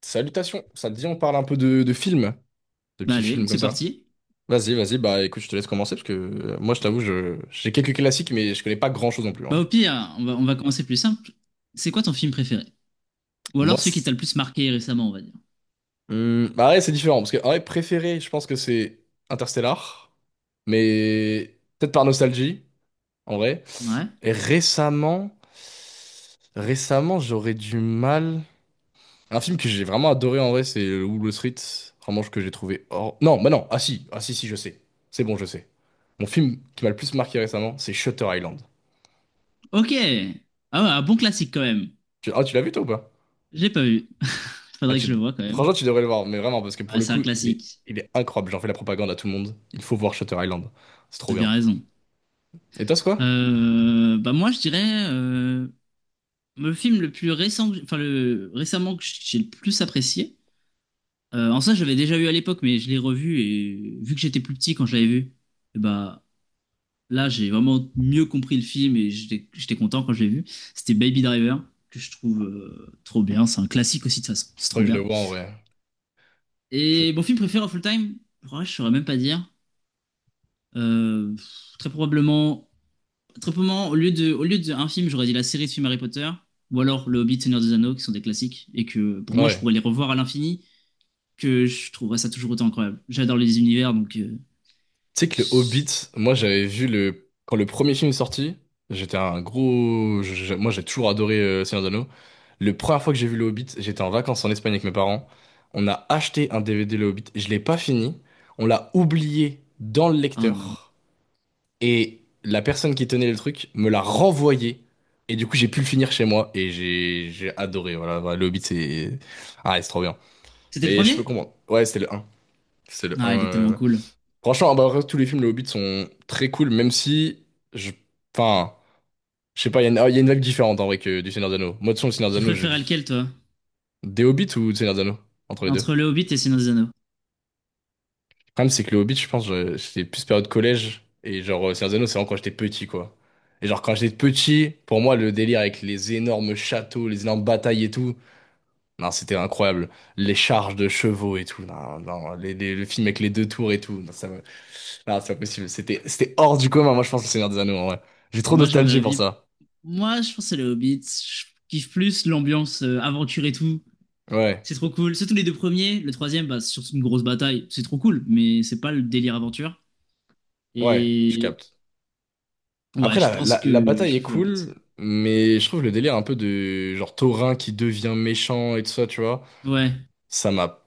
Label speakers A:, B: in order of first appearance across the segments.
A: Salutations, ça te dit on parle un peu de films, de
B: Bah
A: petits
B: allez,
A: films comme
B: c'est
A: ça.
B: parti.
A: Vas-y, vas-y, bah écoute, je te laisse commencer parce que moi je t'avoue, j'ai quelques classiques mais je connais pas grand-chose non plus,
B: Bah
A: hein.
B: au pire, on va commencer plus simple. C'est quoi ton film préféré? Ou alors
A: Moi,
B: celui qui t'a
A: c'est-
B: le plus marqué récemment, on va dire.
A: Bah ouais, c'est différent parce que en vrai, préféré, je pense que c'est Interstellar, mais peut-être par nostalgie en vrai.
B: Ouais.
A: Et récemment, récemment, j'aurais du mal. Un film que j'ai vraiment adoré en vrai, c'est Wall Street, vraiment que j'ai trouvé hors. Non, bah non, ah si, ah si, si, je sais. C'est bon, je sais. Mon film qui m'a le plus marqué récemment, c'est Shutter Island.
B: Ok. Ah ouais, un bon classique quand même.
A: Tu... Ah, tu l'as vu toi ou pas?
B: J'ai pas vu.
A: Ah,
B: Faudrait que
A: tu...
B: je le voie quand même.
A: Franchement, tu devrais le voir, mais vraiment, parce que pour
B: Ouais,
A: le
B: c'est un
A: coup,
B: classique.
A: il est incroyable. J'en fais la propagande à tout le monde. Il faut voir Shutter Island. C'est trop
B: T'as
A: bien.
B: bien raison.
A: Et toi, c'est quoi?
B: Bah moi je dirais le film le plus récent, enfin le récemment que j'ai le plus apprécié. En soi, je l'avais déjà vu à l'époque, mais je l'ai revu et vu que j'étais plus petit quand je l'avais vu, et bah là, j'ai vraiment mieux compris le film et j'étais content quand je l'ai vu. C'était Baby Driver, que je trouve trop bien. C'est un classique aussi, de toute façon. C'est
A: Faut
B: trop
A: que je le
B: bien.
A: vois en vrai. Je-
B: Et mon film préféré of all time, ouais, je saurais même pas dire. Euh, très probablement, très probablement, au lieu d'un film, j'aurais dit la série de films Harry Potter ou alors Le Hobbit, Seigneur des Anneaux, qui sont des classiques et que pour moi, je
A: Ouais.
B: pourrais les revoir à l'infini, que je trouverais ça toujours autant incroyable. J'adore les univers,
A: Tu sais que le Hobbit, moi j'avais vu le. Quand le premier film est sorti, j'étais un gros. Moi j'ai toujours adoré Seigneur des Anneaux. Le première fois que j'ai vu le Hobbit, j'étais en vacances en Espagne avec mes parents. On a acheté un DVD le Hobbit. Je l'ai pas fini. On l'a oublié dans le
B: Oh non.
A: lecteur. Et la personne qui tenait le truc me l'a renvoyé. Et du coup, j'ai pu le finir chez moi. Et j'ai adoré. Voilà, voilà, le Hobbit, c'est. Ah, c'est trop bien.
B: C'était le
A: Mais je peux
B: premier?
A: comprendre. Ouais, c'était le un. C'est le un.
B: Ah, il est tellement cool.
A: Franchement, bah, après, tous les films, le Hobbit sont très cool, même si. Je... Enfin, je sais pas, il y a une vibe différente en vrai que du Seigneur des Anneaux. Moi, de toute façon, le Seigneur des
B: Tu
A: Anneaux, je-
B: préférais lequel, toi?
A: des Hobbits ou du Seigneur des Anneaux? Entre les deux.
B: Entre Le Hobbit et Seigneur des Anneaux.
A: Problème, c'est que le Hobbit, j'étais plus période collège. Et genre, Seigneur des Anneaux, c'est vraiment quand j'étais petit, quoi. Et genre, quand j'étais petit, pour moi, le délire avec les énormes châteaux, les énormes batailles et tout, non, c'était incroyable. Les charges de chevaux et tout, non, non, le film avec les deux tours et tout, non, ça me- non, c'est pas possible. C'était hors du commun, moi, je pense, le Seigneur des Anneaux, en vrai. J'ai trop de
B: Moi, j'ai mon
A: nostalgie pour
B: avis.
A: ça.
B: Moi, je pense que c'est Le Hobbit. Je kiffe plus l'ambiance aventure et tout.
A: Ouais,
B: C'est trop cool. Surtout les deux premiers. Le troisième, bah, c'est surtout une grosse bataille. C'est trop cool, mais c'est pas le délire aventure.
A: ouais, je
B: Et
A: capte.
B: ouais,
A: Après,
B: je pense
A: la
B: que je
A: bataille est
B: préfère Le Hobbit.
A: cool, mais je trouve le délire un peu de genre taurin qui devient méchant et tout ça, tu vois.
B: Ouais,
A: Ça m'a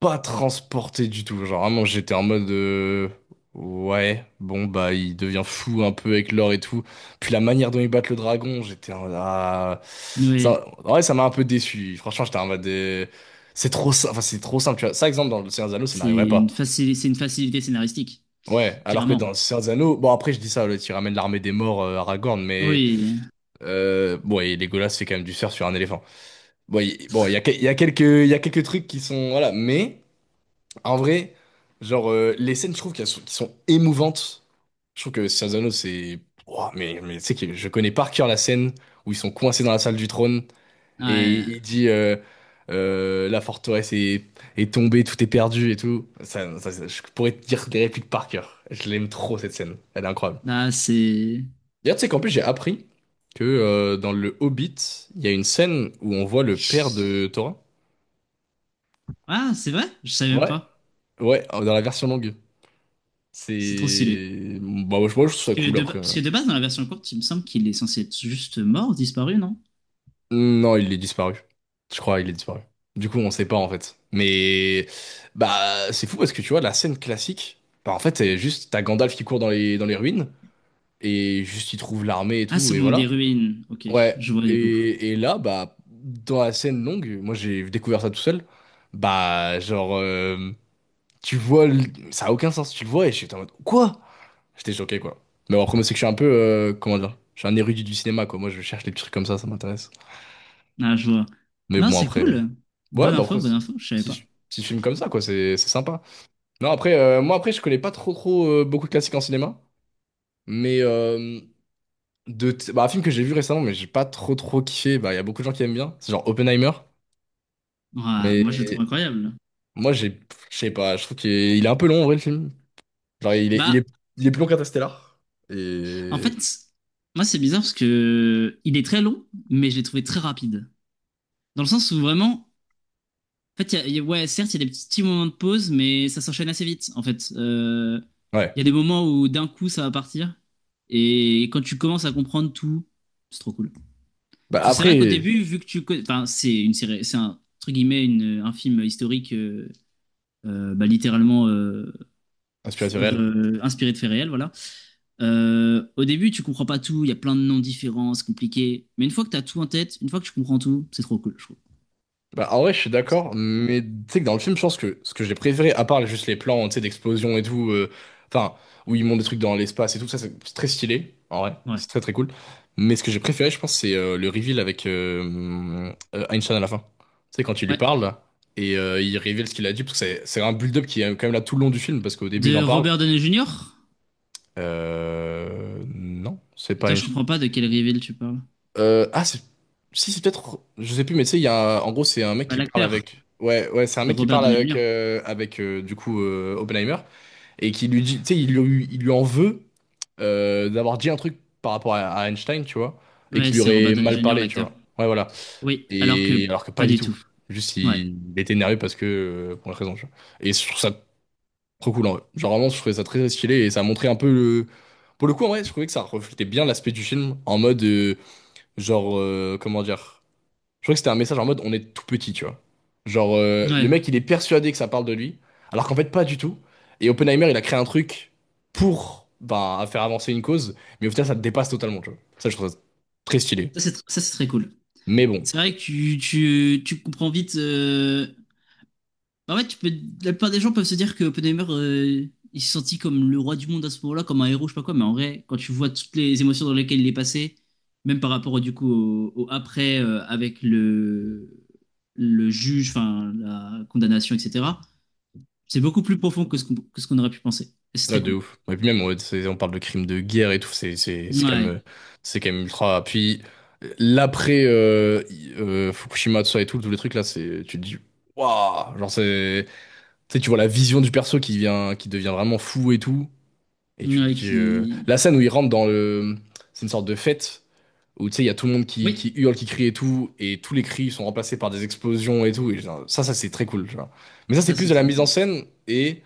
A: pas transporté du tout. Genre vraiment, j'étais en mode ouais, bon bah il devient fou un peu avec l'or et tout. Puis la manière dont ils battent le dragon, j'étais en mode, ah,
B: ouais.
A: ça, en vrai, ça m'a un peu déçu. Franchement, j'étais en mode c'est trop, enfin c'est trop simple. Tu vois, ça exemple dans le Seigneur des Anneaux, ça n'arriverait pas.
B: C'est une facilité scénaristique,
A: Ouais, alors que dans
B: clairement.
A: le Seigneur des Anneaux, bon après je dis ça, là, tu ramènes l'armée des morts Aragorn, mais
B: Oui,
A: bon et Legolas fait quand même du surf sur un éléphant. Bon, il, bon, il y a quelques trucs qui sont voilà, mais. En vrai, genre, les scènes, je trouve qui sont émouvantes. Je trouve que Scienzano, c'est. Ouah, mais tu sais que je connais par cœur la scène où ils sont coincés dans la salle du trône et
B: ouais.
A: il dit la forteresse est, est tombée, tout est perdu et tout. Ça, je pourrais te dire des répliques par cœur. Je l'aime trop cette scène. Elle est incroyable.
B: Là c'est.
A: D'ailleurs, tu sais qu'en plus, j'ai appris que dans le Hobbit, il y a une scène où on voit le père de Thorin.
B: Ah, c'est vrai? Je savais même
A: Ouais,
B: pas.
A: ouais, dans la version longue.
B: C'est trop stylé.
A: C'est... Bah, moi, je trouve ça cool, après,
B: Parce que de base, dans la version courte, il me semble qu'il est censé être juste mort, disparu, non?
A: Non, il est disparu. Je crois, il est disparu. Du coup, on sait pas, en fait. Mais... Bah, c'est fou, parce que, tu vois, la scène classique... Bah, en fait, c'est juste... T'as Gandalf qui court dans dans les ruines, et juste, il trouve l'armée et
B: Ah,
A: tout,
B: c'est
A: et
B: au des
A: voilà.
B: ruines. Ok,
A: Ouais.
B: je vois du coup.
A: Et là, bah... Dans la scène longue, moi, j'ai découvert ça tout seul. Bah, genre... Tu vois... le- ça a aucun sens. Tu le vois, et je suis en mode... Quoi? J'étais choqué, quoi. Mais bon, après, moi, c'est que je suis un peu, comment dire, je suis un érudit du cinéma, quoi. Moi, je cherche les petits trucs comme ça m'intéresse.
B: Ah, je vois.
A: Mais
B: Non,
A: bon,
B: c'est
A: après,
B: cool.
A: ouais, bah après,
B: Bonne
A: c'est
B: info, je savais pas.
A: petit, petit film comme ça, quoi, c'est sympa. Non, après, moi, après, je connais pas trop beaucoup de classiques en cinéma, mais bah, un film que j'ai vu récemment, mais j'ai pas trop kiffé, bah, il y a beaucoup de gens qui aiment bien, c'est genre Oppenheimer,
B: Ah,
A: mais
B: moi, je le trouve incroyable.
A: moi, j'ai, pff, je sais pas, je trouve il est un peu long, en vrai, le film. Genre,
B: Bah,
A: il est plus long qu'Interstellar,
B: en
A: et
B: fait, moi, c'est bizarre parce que il est très long, mais je l'ai trouvé très rapide. Dans le sens où vraiment, en fait, ouais, certes, il y a des petits petits moments de pause, mais ça s'enchaîne assez vite, en fait.
A: ouais.
B: Il y a des moments où d'un coup, ça va partir. Et quand tu commences à comprendre tout, c'est trop cool. Parce
A: Bah,
B: que c'est vrai qu'au
A: après,
B: début, vu que tu connais, enfin, c'est une série, c'est un entre guillemets une- un film historique, bah, littéralement euh, f-
A: inspiration réelle.
B: re- inspiré de faits réels, voilà. Au début, tu comprends pas tout, il y a plein de noms différents, c'est compliqué. Mais une fois que tu as tout en tête, une fois que tu comprends tout, c'est trop cool, je trouve.
A: Bah, en vrai, je suis
B: Je trouve que c'est
A: d'accord,
B: trop cool.
A: mais tu sais que dans le film, je pense que ce que j'ai préféré, à part juste les plans, tu sais, d'explosion et tout, enfin, où ils montent des trucs dans l'espace et tout, ça, c'est très stylé, en vrai,
B: Ouais.
A: c'est très très cool. Mais ce que j'ai préféré, je pense, c'est le reveal avec Einstein à la fin. Tu sais, quand il lui
B: Ouais.
A: parle, là, et il révèle ce qu'il a dit, parce que c'est un build-up qui est quand même là tout le long du film, parce qu'au début, il
B: De
A: en parle.
B: Robert Downey Jr.
A: Non, c'est pas
B: Putain, je
A: Einstein.
B: comprends pas de quel reveal tu parles.
A: Euh, ah, c'est- Si, c'est peut-être. Je sais plus, mais tu sais, il y a un- en gros, c'est un mec
B: Bah,
A: qui parle
B: l'acteur,
A: avec. Ouais, ouais, c'est un
B: c'est
A: mec qui
B: Robert
A: parle
B: Downey
A: avec,
B: Jr.
A: Oppenheimer et qui lui dit. Tu sais, il lui en veut d'avoir dit un truc par rapport à Einstein, tu vois, et
B: Ouais,
A: qu'il lui
B: c'est Robert
A: aurait
B: Downey
A: mal
B: Jr.
A: parlé, tu
B: l'acteur.
A: vois. Ouais, voilà.
B: Oui, alors
A: Et
B: que
A: alors que pas
B: pas
A: du
B: du
A: tout.
B: tout.
A: Juste,
B: Ouais.
A: il était énervé parce que, pour une raison, tu vois. Et je trouve ça trop cool, en vrai. Genre, vraiment, je trouvais ça très stylé et ça montrait un peu le. Pour le coup, en vrai, je trouvais que ça reflétait bien l'aspect du film en mode, genre, comment dire. Je crois que c'était un message en mode on est tout petit, tu vois. Genre, le
B: Ouais.
A: mec, il est persuadé que ça parle de lui, alors qu'en fait, pas du tout. Et Oppenheimer, il a créé un truc pour bah, faire avancer une cause, mais au final, ça te dépasse totalement, tu vois. Ça, je trouve ça très stylé.
B: Ça, c'est très cool.
A: Mais bon,
B: C'est vrai que tu comprends vite. En fait, tu peux... la plupart des gens peuvent se dire que Oppenheimer, il s'est senti comme le roi du monde à ce moment-là, comme un héros, je sais pas quoi, mais en vrai, quand tu vois toutes les émotions dans lesquelles il est passé, même par rapport du coup au après avec le juge, enfin la condamnation, etc., c'est beaucoup plus profond que ce qu'on aurait pu penser. Et c'est
A: ouais,
B: très
A: de
B: cool.
A: ouf. Et puis même, ouais, on parle de crimes de guerre et tout,
B: Ouais.
A: c'est quand même ultra. Puis l'après Fukushima, tout ça et tout, tous les trucs là, c'est, tu te dis, waouh, genre, c'est. Tu sais, tu vois la vision du perso qui vient, qui devient vraiment fou et tout. Et tu te
B: Ouais,
A: dis,
B: qui.
A: la scène où il rentre dans le. C'est une sorte de fête où tu sais, il y a tout le monde qui
B: Oui,
A: hurle, qui crie et tout, et tous les cris sont remplacés par des explosions et tout. Et genre, ça c'est très cool, tu vois. Mais ça, c'est
B: ça
A: plus
B: c'est
A: de la
B: trop
A: mise en
B: cool.
A: scène et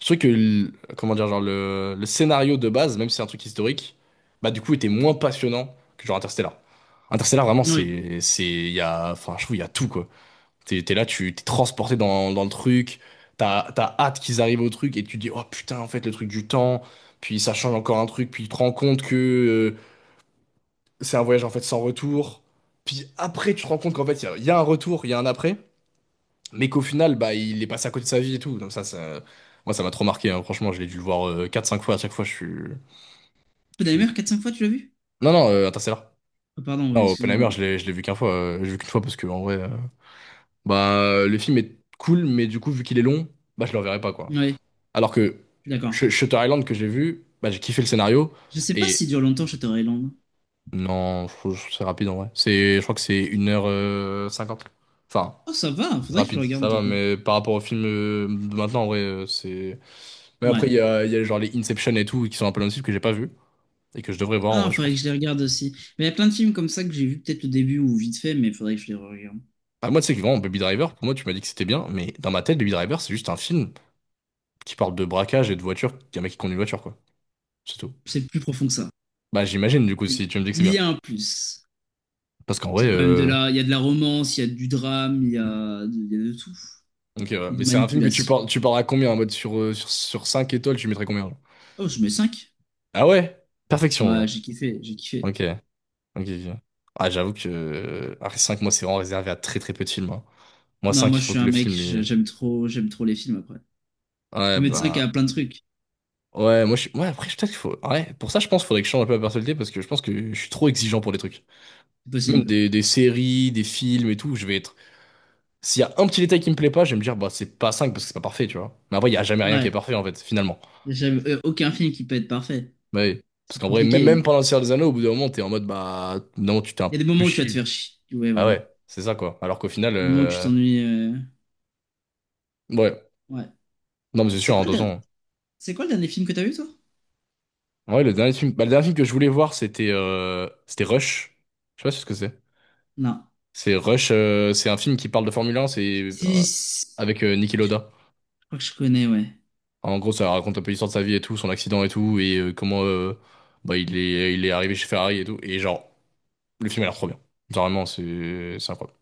A: je trouve que. Comment dire, genre, le scénario de base, même si c'est un truc historique, bah du coup, était moins passionnant que genre Interstellar. Interstellar, vraiment,
B: Oui.
A: c'est. Il y a. Enfin, je trouve, il y a tout, quoi. T'es là, tu t'es transporté dans le truc, t'as hâte qu'ils arrivent au truc et tu dis, oh putain, en fait, le truc du temps, puis ça change encore un truc, puis tu te rends compte que c'est un voyage en fait sans retour, puis après tu te rends compte qu'en fait, il y a un retour, il y a un après, mais qu'au final, bah, il est passé à côté de sa vie et tout, donc ça, moi, ça m'a trop marqué, hein. Franchement, je l'ai dû le voir 4-5 fois, à chaque fois, je suis-
B: Oppenheimer, quatre cinq fois, tu l'as vu?
A: Non, non, Interstellar.
B: Oh, pardon, oui,
A: Non,
B: excuse-moi.
A: Oppenheimer, je l'ai vu qu'une fois, je l'ai vu qu'une fois parce que, en vrai, bah, le film est cool, mais du coup, vu qu'il est long, bah, je le reverrai pas, quoi.
B: Ouais,
A: Alors que
B: je suis d'accord.
A: Shutter Island que j'ai vu, bah, j'ai kiffé le scénario.
B: Je sais pas
A: Et
B: si dure longtemps Shutter Island.
A: non, je trouve- c'est rapide en vrai. C'est, je crois que c'est une heure cinquante. Enfin,
B: Oh, ça va, faudrait que je le
A: rapide,
B: regarde
A: ça
B: du
A: va,
B: coup.
A: mais par rapport au film de maintenant, en vrai, c'est. Mais
B: Ouais.
A: après, il y a genre les Inception et tout qui sont un peu dans le style que j'ai pas vu et que je devrais voir en
B: Ah,
A: vrai, je
B: faudrait que
A: pense.
B: je les regarde aussi. Mais il y a plein de films comme ça que j'ai vu peut-être le début ou vite fait, mais faudrait que je les regarde.
A: Ah, moi, tu sais que vraiment, Baby Driver, pour moi, tu m'as dit que c'était bien, mais dans ma tête, Baby Driver, c'est juste un film qui parle de braquage et de voiture, qu'un mec qui conduit une voiture, quoi. C'est tout.
B: C'est plus profond que ça.
A: Bah, j'imagine, du coup,
B: C'est
A: si tu me dis que c'est bien.
B: bien plus.
A: Parce qu'en vrai,
B: C'est quand même de la... Il y a de la romance, il y a du drame, il y a de tout.
A: ok, ouais.
B: Et de
A: Mais c'est un film que
B: manipulation.
A: tu pars à combien? En mode sur 5 étoiles, tu mettrais combien, genre?
B: Oh, je mets 5.
A: Ah ouais? Perfection,
B: Ouais,
A: genre.
B: j'ai kiffé, j'ai kiffé.
A: Ok, ok, ok. Ah, j'avoue que après 5, moi, c'est vraiment réservé à très très peu de films, hein. Moi,
B: Non,
A: 5,
B: moi
A: il
B: je
A: faut
B: suis
A: que
B: un
A: le
B: mec,
A: film. Il-
B: j'aime trop les films après. Je peux
A: Ouais,
B: mettre cinq
A: bah.
B: à plein de trucs,
A: Ouais, moi, je suis. Ouais, après, peut-être qu'il faut. Ouais, pour ça, je pense qu'il faudrait que je change un peu ma personnalité parce que je pense que je suis trop exigeant pour des trucs.
B: c'est
A: Même
B: possible.
A: des séries, des films et tout, je vais être. S'il y a un petit détail qui me plaît pas, je vais me dire, bah, c'est pas 5 parce que c'est pas parfait, tu vois. Mais après, il y a jamais rien qui est
B: Ouais,
A: parfait, en fait, finalement.
B: j'aime aucun film qui peut être parfait.
A: Ouais, parce
B: C'est
A: qu'en vrai, même
B: compliqué.
A: pendant le Seigneur des Anneaux, au bout d'un moment, t'es en mode, bah, non, tu t'es un
B: Il y a des
A: peu
B: moments où tu vas te
A: chié.
B: faire chier. Ouais,
A: Ah
B: voilà.
A: ouais, c'est ça, quoi. Alors qu'au final,
B: Des moments où tu t'ennuies.
A: ouais.
B: Ouais.
A: Non, mais c'est
B: C'est
A: sûr, en
B: quoi le,
A: deux
B: der-
A: ans.
B: c'est quoi le dernier film que t'as vu, toi?
A: Ouais, le dernier film, bah, le dernier film que je voulais voir, c'était c'était Rush. Je sais pas si ce que c'est.
B: Non.
A: C'est Rush, c'est un film qui parle de Formule 1, c'est
B: Si... si,
A: avec Niki
B: je
A: Lauda.
B: crois que je connais, ouais.
A: En gros, ça raconte un peu l'histoire de sa vie et tout, son accident et tout, et comment bah, il est arrivé chez Ferrari et tout. Et genre, le film a l'air trop bien. Genre, vraiment, c'est incroyable.